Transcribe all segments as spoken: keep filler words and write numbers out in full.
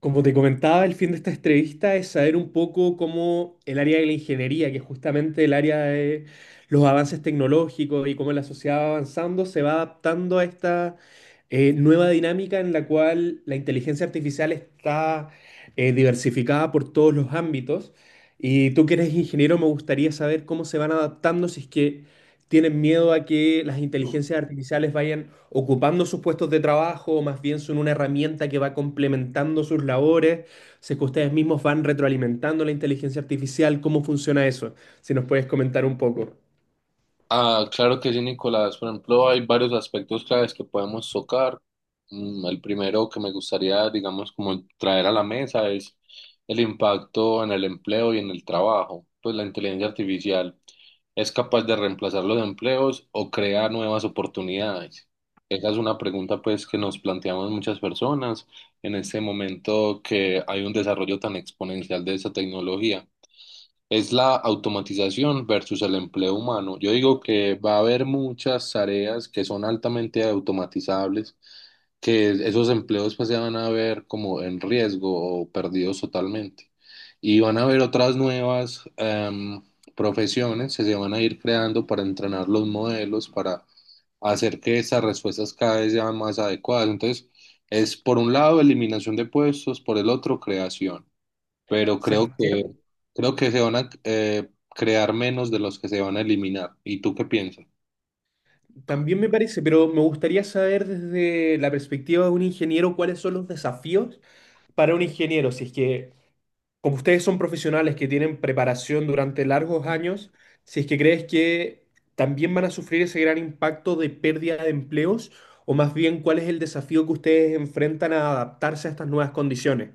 Como te comentaba, el fin de esta entrevista es saber un poco cómo el área de la ingeniería, que es justamente el área de los avances tecnológicos y cómo la sociedad va avanzando, se va adaptando a esta eh, nueva dinámica en la cual la inteligencia artificial está eh, diversificada por todos los ámbitos. Y tú que eres ingeniero, me gustaría saber cómo se van adaptando, si es que tienen miedo a que las inteligencias artificiales vayan ocupando sus puestos de trabajo, o más bien son una herramienta que va complementando sus labores. Sé que ustedes mismos van retroalimentando la inteligencia artificial, ¿cómo funciona eso? Si nos puedes comentar un poco. Ah, claro que sí, Nicolás. Por ejemplo, hay varios aspectos claves que podemos tocar. Mm, El primero que me gustaría, digamos, como traer a la mesa es el impacto en el empleo y en el trabajo. Pues la inteligencia artificial es capaz de reemplazar los empleos o crear nuevas oportunidades. Esa es una pregunta, pues, que nos planteamos muchas personas en este momento que hay un desarrollo tan exponencial de esa tecnología. Es la automatización versus el empleo humano. Yo digo que va a haber muchas tareas que son altamente automatizables, que esos empleos pues se van a ver como en riesgo o perdidos totalmente. Y van a haber otras nuevas em, profesiones que se van a ir creando para entrenar los modelos, para hacer que esas respuestas cada vez sean más adecuadas. Entonces, es por un lado eliminación de puestos, por el otro creación, pero creo que Sebastián, creo que se van a eh, crear menos de los que se van a eliminar. ¿Y tú qué piensas? también me parece, pero me gustaría saber desde la perspectiva de un ingeniero cuáles son los desafíos para un ingeniero, si es que como ustedes son profesionales que tienen preparación durante largos años, si es que crees que también van a sufrir ese gran impacto de pérdida de empleos, o más bien cuál es el desafío que ustedes enfrentan a adaptarse a estas nuevas condiciones.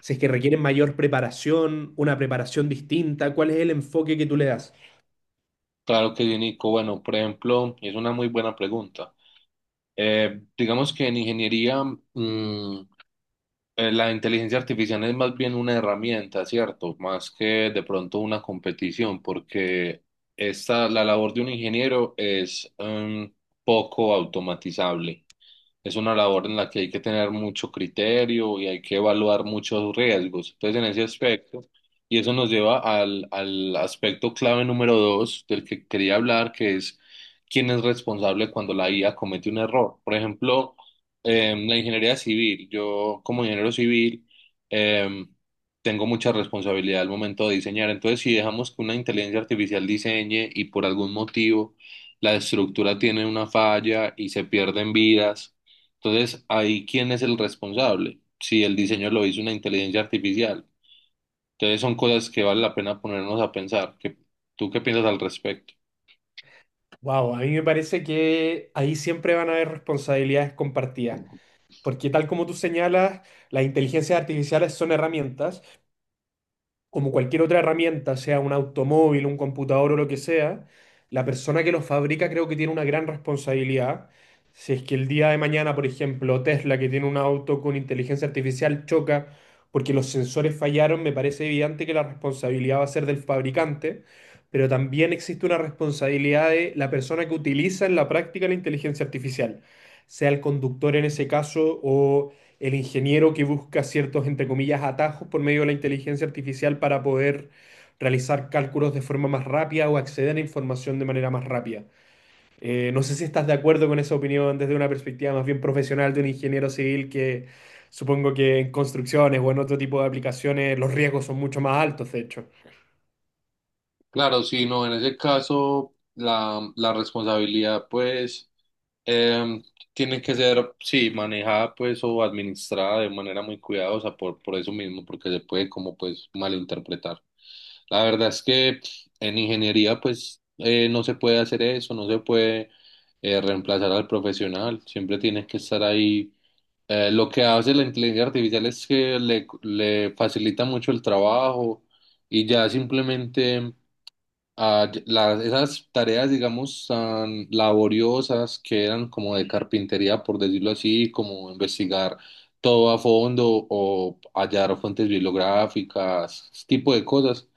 Si es que requieren mayor preparación, una preparación distinta, ¿cuál es el enfoque que tú le das? Claro que sí, Nico. Bueno, por ejemplo, es una muy buena pregunta. Eh, digamos que en ingeniería, mm, eh, la inteligencia artificial es más bien una herramienta, ¿cierto? Más que de pronto una competición, porque esta, la labor de un ingeniero es mm, poco automatizable. Es una labor en la que hay que tener mucho criterio y hay que evaluar muchos riesgos. Entonces, en ese aspecto, y eso nos lleva al, al aspecto clave número dos del que quería hablar, que es quién es responsable cuando la I A comete un error. Por ejemplo, em, la ingeniería civil, yo como ingeniero civil, em, tengo mucha responsabilidad al momento de diseñar. Entonces, si dejamos que una inteligencia artificial diseñe y por algún motivo la estructura tiene una falla y se pierden vidas, entonces, ahí, ¿quién es el responsable? Si el diseño lo hizo una inteligencia artificial. Entonces, son cosas que vale la pena ponernos a pensar. ¿Qué- ¿Tú qué piensas al respecto? Wow, a mí me parece que ahí siempre van a haber responsabilidades compartidas, porque tal como tú señalas, las inteligencias artificiales son herramientas como cualquier otra herramienta, sea un automóvil, un computador o lo que sea, la persona que lo fabrica creo que tiene una gran responsabilidad. Si es que el día de mañana, por ejemplo, Tesla, que tiene un auto con inteligencia artificial, choca porque los sensores fallaron, me parece evidente que la responsabilidad va a ser del fabricante, pero también existe una responsabilidad de la persona que utiliza en la práctica la inteligencia artificial, sea el conductor en ese caso o el ingeniero que busca ciertos, entre comillas, atajos por medio de la inteligencia artificial para poder realizar cálculos de forma más rápida o acceder a información de manera más rápida. Eh, no sé si estás de acuerdo con esa opinión desde una perspectiva más bien profesional de un ingeniero civil, que supongo que en construcciones o en otro tipo de aplicaciones los riesgos son mucho más altos, de hecho. Claro, sí, no, en ese caso la, la responsabilidad pues em, tiene que ser, sí, manejada pues o administrada de manera muy cuidadosa por, por eso mismo, porque se puede como pues malinterpretar. La verdad es que en ingeniería pues eh, no se puede hacer eso, no se puede eh, reemplazar al profesional, siempre tiene que estar ahí. Eh, lo que hace la inteligencia artificial es que le, le facilita mucho el trabajo y ya simplemente... Ah, y- la- esas tareas, digamos, tan laboriosas que eran como de carpintería, por decirlo así, como investigar todo a fondo o hallar fuentes bibliográficas, ese tipo de cosas,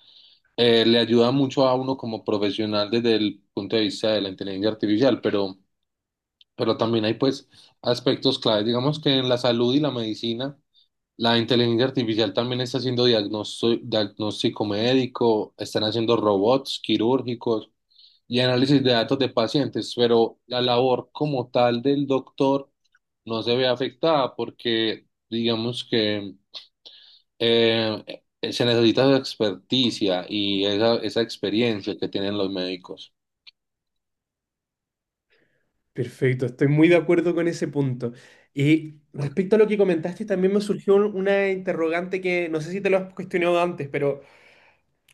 eh, le ayuda mucho a uno como profesional desde el punto de vista de la inteligencia artificial, pero, pero también hay pues aspectos clave, digamos que en la salud y la medicina. La inteligencia artificial también está haciendo diagnosto- diagnóstico médico, están haciendo robots quirúrgicos y análisis de datos de pacientes, pero la labor como tal del doctor no se ve afectada porque digamos que eh, se necesita su experticia y esa, esa experiencia que tienen los médicos. Perfecto, estoy muy de acuerdo con ese punto. Y respecto a lo que comentaste, también me surgió un- una interrogante que no sé si te lo has cuestionado antes, pero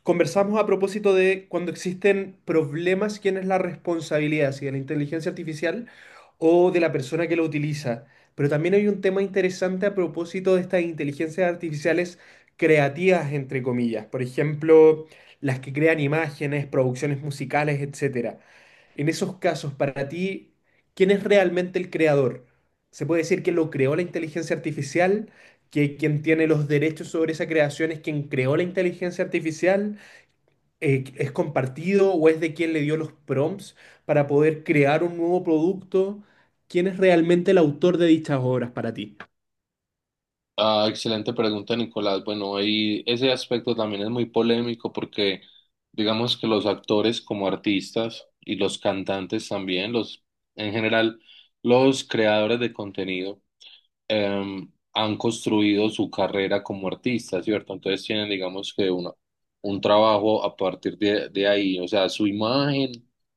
conversamos a propósito de cuando existen problemas, ¿quién es la responsabilidad? Si de la inteligencia artificial o de la persona que lo utiliza. Pero también hay un tema interesante a propósito de estas inteligencias artificiales creativas, entre comillas. Por ejemplo, las que crean imágenes, producciones musicales, etcétera. En esos casos, para ti, ¿quién es realmente el creador? ¿Se puede decir que lo creó la inteligencia artificial? ¿Que quien tiene los derechos sobre esa creación es quien creó la inteligencia artificial? Eh, es compartido o es de quien le dio los prompts para poder crear un nuevo producto? ¿Quién es realmente el autor de dichas obras para ti? Ah, excelente pregunta, Nicolás. Bueno, ahí ese aspecto también es muy polémico porque digamos que los actores como artistas y los cantantes también, los en general los creadores de contenido eh, han construido su carrera como artistas, ¿cierto? Entonces tienen, digamos que una- un trabajo a partir de, de ahí, o sea, su imagen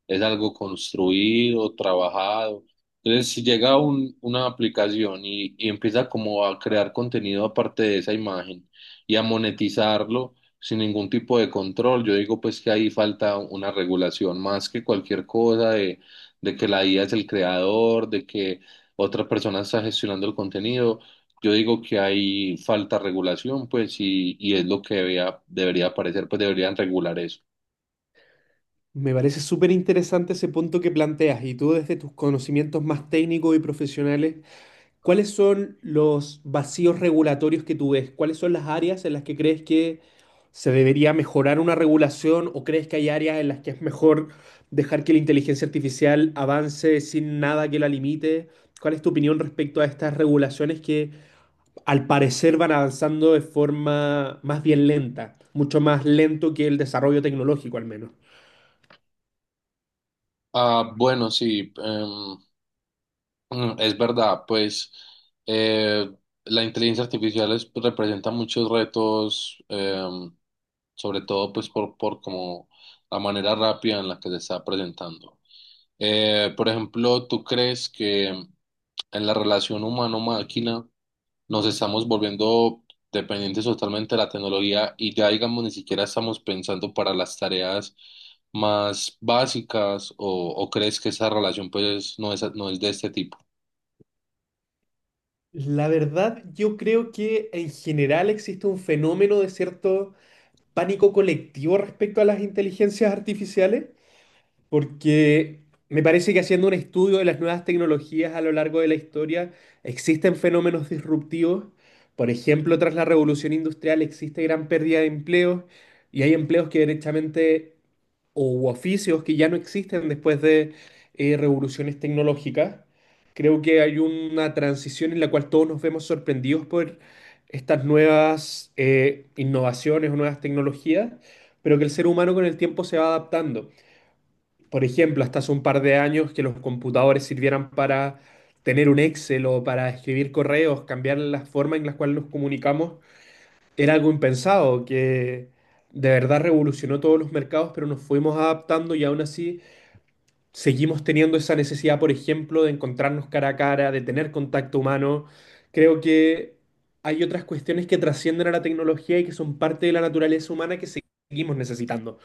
es algo construido, trabajado. Entonces, si llega un- una aplicación y, y empieza como a crear contenido aparte de esa imagen y a monetizarlo sin ningún tipo de control, yo digo pues que ahí falta una regulación más que cualquier cosa de, de que la I A es el creador, de que otra persona está gestionando el contenido. Yo digo que hay falta de regulación, pues, y, y es lo que debería, debería aparecer, pues deberían regular eso. Me parece súper interesante ese punto que planteas y, tú desde tus conocimientos más técnicos y profesionales, ¿cuáles son los vacíos regulatorios que tú ves? ¿Cuáles son las áreas en las que crees que se debería mejorar una regulación o crees que hay áreas en las que es mejor dejar que la inteligencia artificial avance sin nada que la limite? ¿Cuál es tu opinión respecto a estas regulaciones que al parecer van avanzando de forma más bien lenta, mucho más lento que el desarrollo tecnológico al menos? Ah, bueno, sí, em, mm, es verdad, pues eh, la inteligencia artificial es- pues, representa muchos retos, em, sobre todo pues por, por como la manera rápida en la que se está presentando. Eh, por ejemplo, ¿tú crees que en la relación humano-máquina nos estamos volviendo dependientes totalmente de la tecnología y ya digamos ni siquiera estamos pensando para las tareas más básicas o, o crees que esa relación pues no es, no es de este tipo? La verdad, yo creo que en general existe un fenómeno de cierto pánico colectivo respecto a las inteligencias artificiales. Porque me parece que haciendo un estudio de las nuevas tecnologías a lo largo de la historia, existen fenómenos disruptivos. Por ejemplo, tras la revolución industrial existe gran pérdida de empleos y hay empleos que derechamente, o u oficios que ya no existen después de eh, revoluciones tecnológicas. Creo que hay una transición en la cual todos nos vemos sorprendidos por estas nuevas eh, innovaciones o nuevas tecnologías, pero que el ser humano con el tiempo se va adaptando. Por ejemplo, hasta hace un par de años que los computadores sirvieran para tener un Excel o para escribir correos, cambiar la forma en la cual nos comunicamos, era algo impensado, que de verdad revolucionó todos los mercados, pero nos fuimos adaptando y aún así seguimos teniendo esa necesidad, por ejemplo, de encontrarnos cara a cara, de tener contacto humano. Creo que hay otras cuestiones que trascienden a la tecnología y que son parte de la naturaleza humana que seguimos necesitando.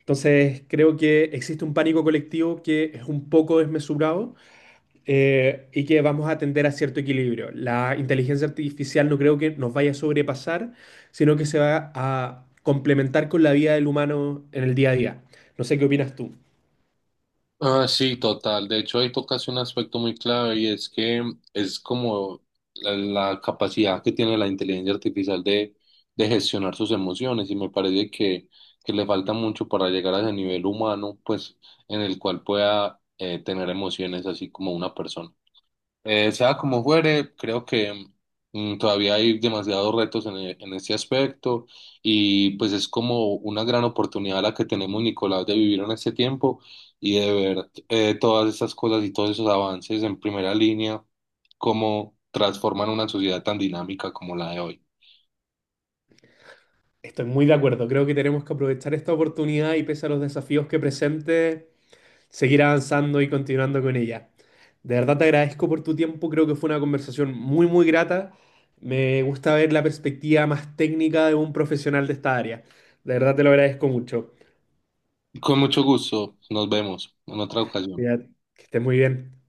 Entonces, creo que existe un pánico colectivo que es un poco desmesurado, eh, y que vamos a tender a cierto equilibrio. La inteligencia artificial no creo que nos vaya a sobrepasar, sino que se va a complementar con la vida del humano en el día a día. No sé qué opinas tú. Ah, sí, total. De hecho, ahí tocas un aspecto muy clave y es que es como la, la capacidad que tiene la inteligencia artificial de, de gestionar sus emociones y me parece que, que le falta mucho para llegar a ese nivel humano, pues en el cual pueda eh, tener emociones así como una persona. Eh, sea como fuere, creo que mm, todavía hay demasiados retos en, e- en este aspecto y pues es como una gran oportunidad la que tenemos, Nicolás, de vivir en este tiempo y de ver eh, todas estas cosas y todos esos avances en primera línea, cómo transforman una sociedad tan dinámica como la de hoy. Estoy muy de acuerdo. Creo que tenemos que aprovechar esta oportunidad y, pese a los desafíos que presente, seguir avanzando y continuando con ella. De verdad te agradezco por tu tiempo, creo que fue una conversación muy, muy grata. Me gusta ver la perspectiva más técnica de un profesional de esta área. De verdad te lo agradezco mucho. Con mucho gusto, nos vemos en otra ocasión. Cuídate, que estés muy bien.